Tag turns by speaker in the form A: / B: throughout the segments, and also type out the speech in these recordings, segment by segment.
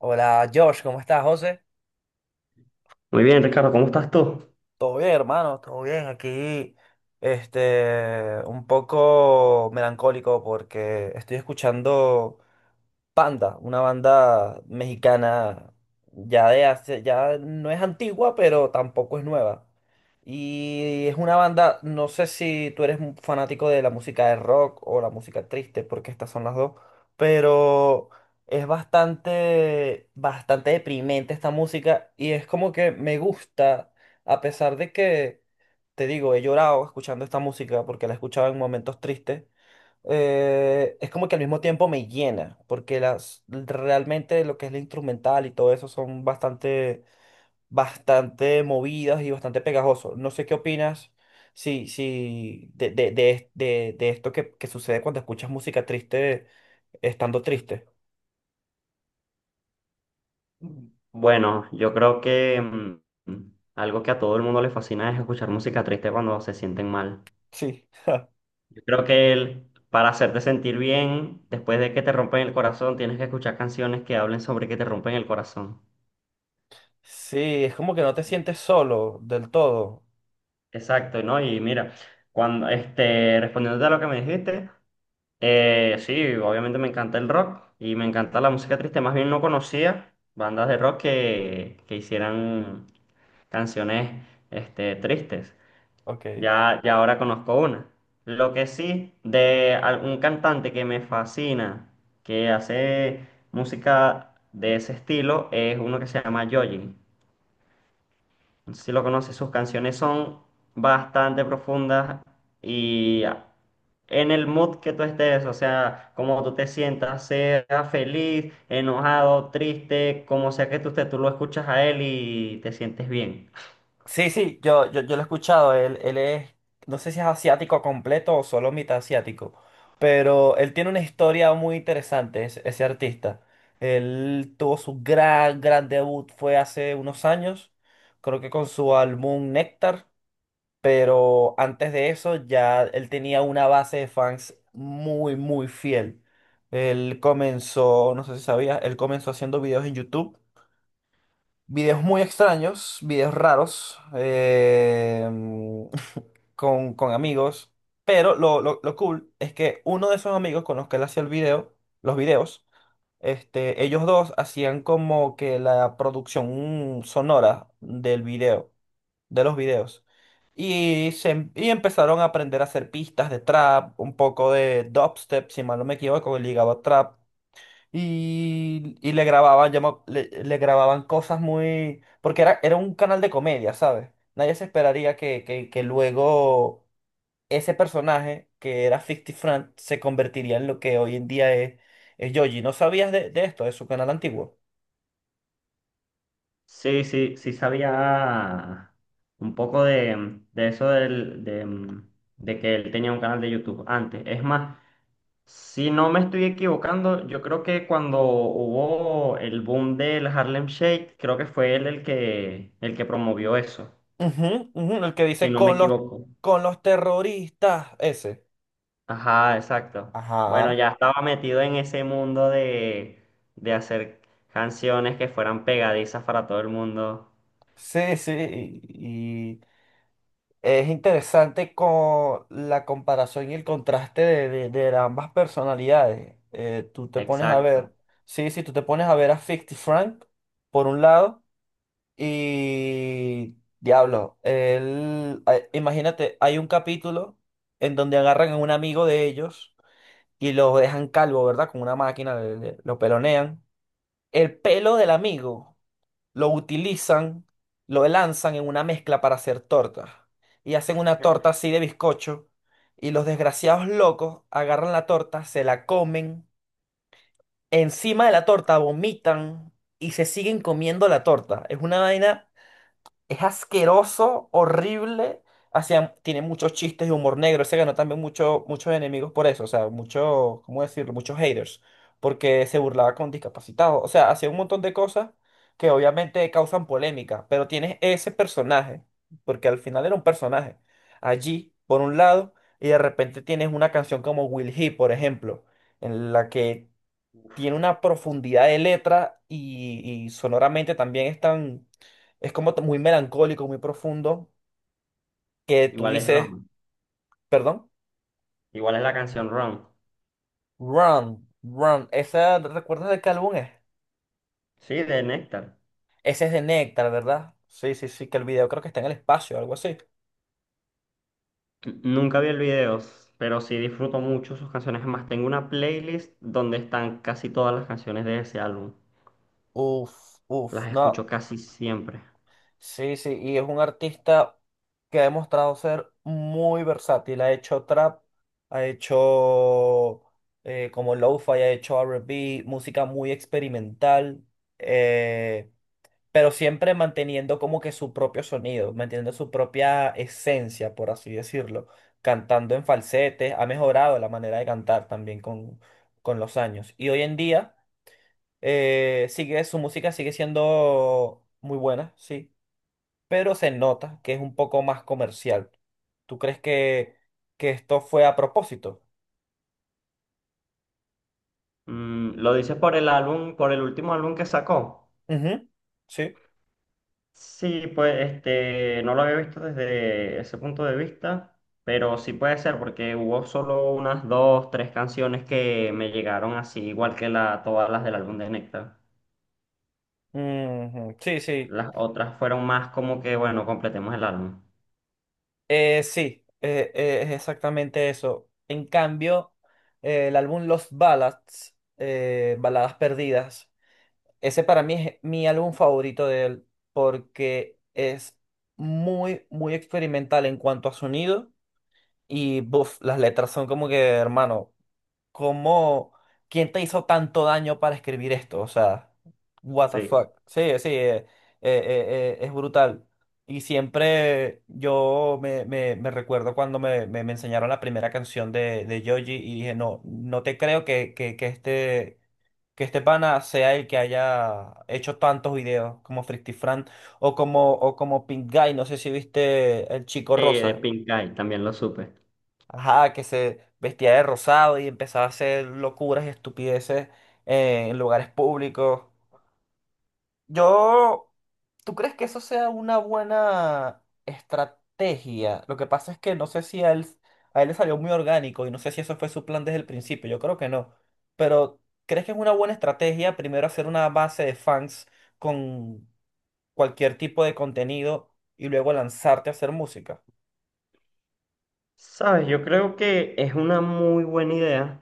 A: Hola Josh, ¿cómo estás, José?
B: Muy bien, Ricardo, ¿cómo estás tú?
A: Todo bien, hermano, todo bien. Aquí, un poco melancólico porque estoy escuchando Panda, una banda mexicana ya de hace, ya no es antigua, pero tampoco es nueva. Y es una banda, no sé si tú eres un fanático de la música de rock o la música triste, porque estas son las dos, pero es bastante, bastante deprimente esta música y es como que me gusta, a pesar de que, te digo, he llorado escuchando esta música porque la escuchaba en momentos tristes, es como que al mismo tiempo me llena, porque realmente lo que es la instrumental y todo eso son bastante, bastante movidas y bastante pegajosos. No sé qué opinas si de esto que sucede cuando escuchas música triste estando triste.
B: Bueno, yo creo que mm, algo que a todo el mundo le fascina es escuchar música triste cuando se sienten mal.
A: Sí.
B: Yo creo que para hacerte sentir bien, después de que te rompen el corazón, tienes que escuchar canciones que hablen sobre que te rompen el corazón.
A: Sí, es como que no te
B: Y-
A: sientes solo del todo.
B: Exacto, ¿no? Y mira, cuando este, respondiéndote a lo que me dijiste, sí, obviamente me encanta el rock y me encanta la música triste. Más bien no conocía bandas de rock que hicieran canciones este, tristes.
A: Ok.
B: Ya ahora conozco una. Lo que sí, de algún cantante que me fascina, que hace música de ese estilo, es uno que se llama Joji. No sé si lo conoces, sus canciones son bastante profundas y en el mood que tú estés, o sea, como tú te sientas, sea feliz, enojado, triste, como sea que tú estés, tú lo escuchas a él y te sientes bien.
A: Sí, yo lo he escuchado. Él es, no sé si es asiático completo o solo mitad asiático, pero él tiene una historia muy interesante, ese artista. Él tuvo su gran debut, fue hace unos años, creo que con su álbum Néctar, pero antes de eso ya él tenía una base de fans muy, muy fiel. Él comenzó, no sé si sabías, él comenzó haciendo videos en YouTube. Videos muy extraños, videos raros, con amigos. Pero lo cool es que uno de esos amigos con los que él hacía el video, los videos, ellos dos hacían como que la producción sonora del video, de los videos. Y, empezaron a aprender a hacer pistas de trap, un poco de dubstep, si mal no me equivoco, ligado a trap y, le grababan cosas muy... Porque era un canal de comedia, ¿sabes? Nadie se esperaría que luego ese personaje, que era 50 Frank, se convertiría en lo que hoy en día es Yoji. ¿No sabías de esto, de su canal antiguo?
B: Sí, sí, sí sabía un poco de eso de que él tenía un canal de YouTube antes. Es más, si no me estoy equivocando, yo creo que cuando hubo el boom del Harlem Shake, creo que fue él el que promovió eso,
A: Ujú, ujú, el que
B: si
A: dice
B: no me
A: con
B: equivoco.
A: con los terroristas, ese.
B: Ajá, exacto. Bueno,
A: Ajá.
B: ya estaba metido en ese mundo de hacer canciones que fueran pegadizas para todo el mundo.
A: Sí, sí. Y es interesante con la comparación y el contraste de ambas personalidades. Tú te pones a
B: Exacto.
A: ver, sí, sí, tú te pones a ver a 50 Frank, por un lado, y Diablo, él, imagínate, hay un capítulo en donde agarran a un amigo de ellos y lo dejan calvo, ¿verdad? Con una máquina, lo pelonean. El pelo del amigo lo utilizan, lo lanzan en una mezcla para hacer tortas. Y hacen una torta así de bizcocho. Y los desgraciados locos agarran la torta, se la comen. Encima de la torta vomitan y se siguen comiendo la torta. Es una vaina, es asqueroso, horrible. Hacían, tiene muchos chistes de humor negro. Se ganó también mucho, muchos enemigos por eso. O sea, muchos, ¿cómo decirlo? Muchos haters. Porque se burlaba con discapacitados. O sea, hacía un montón de cosas que obviamente causan polémica. Pero tienes ese personaje. Porque al final era un personaje. Allí, por un lado. Y de repente tienes una canción como Will He, por ejemplo. En la que tiene una profundidad de letra y sonoramente también es tan, es como muy melancólico, muy profundo, que tú
B: Igual es
A: dices,
B: Roma.
A: perdón,
B: Igual es la canción Run.
A: Run, Run, ¿esa, recuerdas de qué álbum es?
B: Sí, de Néctar.
A: Ese es de Nectar, ¿verdad? Sí, sí, sí, que el video creo que está en el espacio, algo así.
B: Nunca vi el video, pero sí disfruto mucho sus canciones. Además, tengo una playlist donde están casi todas las canciones de ese álbum.
A: Uf, uf,
B: Las escucho
A: no.
B: casi siempre.
A: Sí, sí, y es un artista que ha demostrado ser muy versátil. Ha hecho trap, ha hecho como lo-fi, ha hecho R&B, música muy experimental, eh, pero siempre manteniendo como que su propio sonido, manteniendo su propia esencia, por así decirlo. Cantando en falsete, ha mejorado la manera de cantar también con los años. Y hoy en día sigue, su música sigue siendo muy buena, sí, pero se nota que es un poco más comercial. ¿Tú crees que esto fue a propósito?
B: ¿Lo dices por el álbum, por el último álbum que sacó?
A: Ujú, sí.
B: Sí, pues este, no lo había visto desde ese punto de vista, pero sí puede ser porque hubo solo unas dos, tres canciones que me llegaron así, igual que todas las del álbum de Nectar.
A: Ujú, sí, sí.
B: Las otras fueron más como que, bueno, completemos el álbum.
A: Sí, es exactamente eso. En cambio, el álbum Lost Ballads, Baladas Perdidas, ese para mí es mi álbum favorito de él porque es muy, muy experimental en cuanto a sonido y, buf, las letras son como que, hermano, ¿cómo? ¿Quién te hizo tanto daño para escribir esto? O sea, what the
B: Sí.
A: fuck. Sí, sí, es brutal. Y siempre yo me recuerdo cuando me enseñaron la primera canción de Yoji y dije, no, no te creo que este pana sea el que haya hecho tantos videos como Frictifran o como Pink Guy, no sé si viste El Chico
B: Sí, de
A: Rosa.
B: Pink Eye, también lo supe.
A: Ajá, que se vestía de rosado y empezaba a hacer locuras y estupideces, en lugares públicos. Yo, ¿tú crees que eso sea una buena estrategia? Lo que pasa es que no sé si a él, a él le salió muy orgánico y no sé si eso fue su plan desde el principio. Yo creo que no. Pero, ¿crees que es una buena estrategia primero hacer una base de fans con cualquier tipo de contenido y luego lanzarte a hacer música?
B: Sabes, yo creo que es una muy buena idea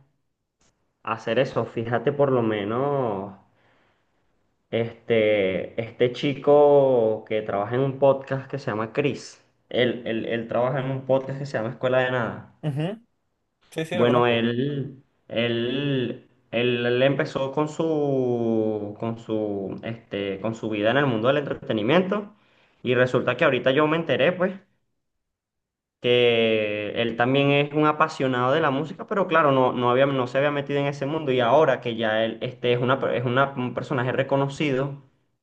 B: hacer eso. Fíjate por lo menos, este chico que trabaja en un podcast que se llama Chris. Él trabaja en un podcast que se llama Escuela de Nada.
A: Ujú, sí, sí, lo
B: Bueno,
A: conozco.
B: él empezó con este, con su vida en el mundo del entretenimiento y resulta que ahorita yo me enteré, pues, que él también es un apasionado de la música, pero claro, no, no había, no se había metido en ese mundo y ahora que ya él, este, es una, per- es una- un personaje reconocido,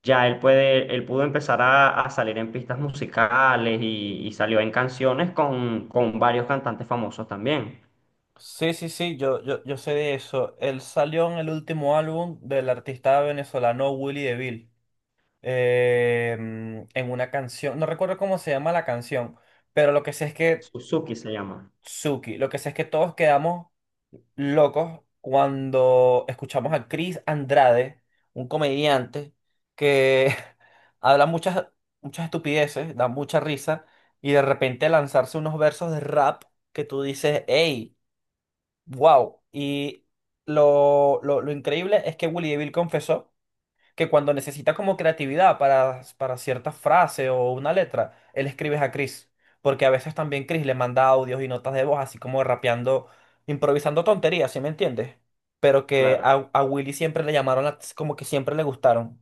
B: ya él puede, él pudo empezar a salir en pistas musicales y salió en canciones con varios cantantes famosos también.
A: Sí, sí, sí, yo sé de eso. Él salió en el último álbum del artista venezolano Willy DeVille. En una canción, no recuerdo cómo se llama la canción, pero lo que sé es que
B: Suzuki se llama.
A: Suki, lo que sé es que todos quedamos locos cuando escuchamos a Chris Andrade, un comediante que habla muchas, muchas estupideces, da mucha risa, y de repente lanzarse unos versos de rap que tú dices, hey. Wow. Y lo increíble es que Willy DeVille confesó que cuando necesita como creatividad para cierta frase o una letra, él escribe a Chris. Porque a veces también Chris le manda audios y notas de voz, así como rapeando, improvisando tonterías, ¿sí me entiendes? Pero que
B: Claro,
A: a Willy siempre le llamaron, la- como que siempre le gustaron.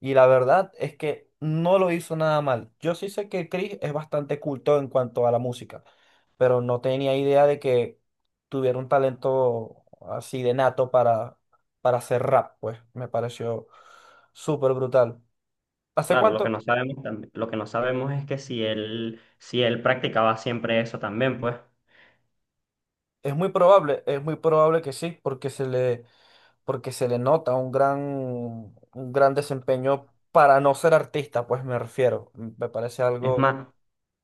A: Y la verdad es que no lo hizo nada mal. Yo sí sé que Chris es bastante culto en cuanto a la música, pero no tenía idea de que tuviera un talento así de nato para hacer rap, pues me pareció súper brutal. ¿Hace
B: claro, lo que
A: cuánto?
B: no sabemos lo que no sabemos es que si él, si él practicaba siempre eso también, pues.
A: Es muy probable que sí, porque se le nota un gran desempeño para no ser artista, pues me refiero. Me parece
B: Es
A: algo.
B: más,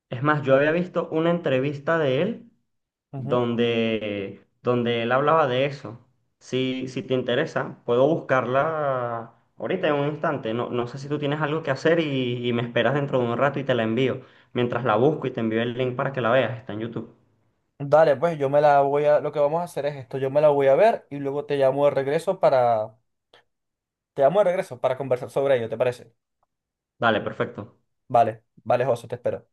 B: es más, yo había visto una entrevista de él donde él hablaba de eso. Si te interesa, puedo buscarla ahorita en un instante. No, no sé si tú tienes algo que hacer y me esperas dentro de un rato y te la envío. Mientras la busco y te envío el link para que la veas, está en YouTube.
A: Dale, pues yo me la voy a, lo que vamos a hacer es esto, yo me la voy a ver y luego te llamo de regreso para, te llamo de regreso para conversar sobre ello, ¿te parece?
B: Dale, perfecto.
A: Vale, vale, José, te espero.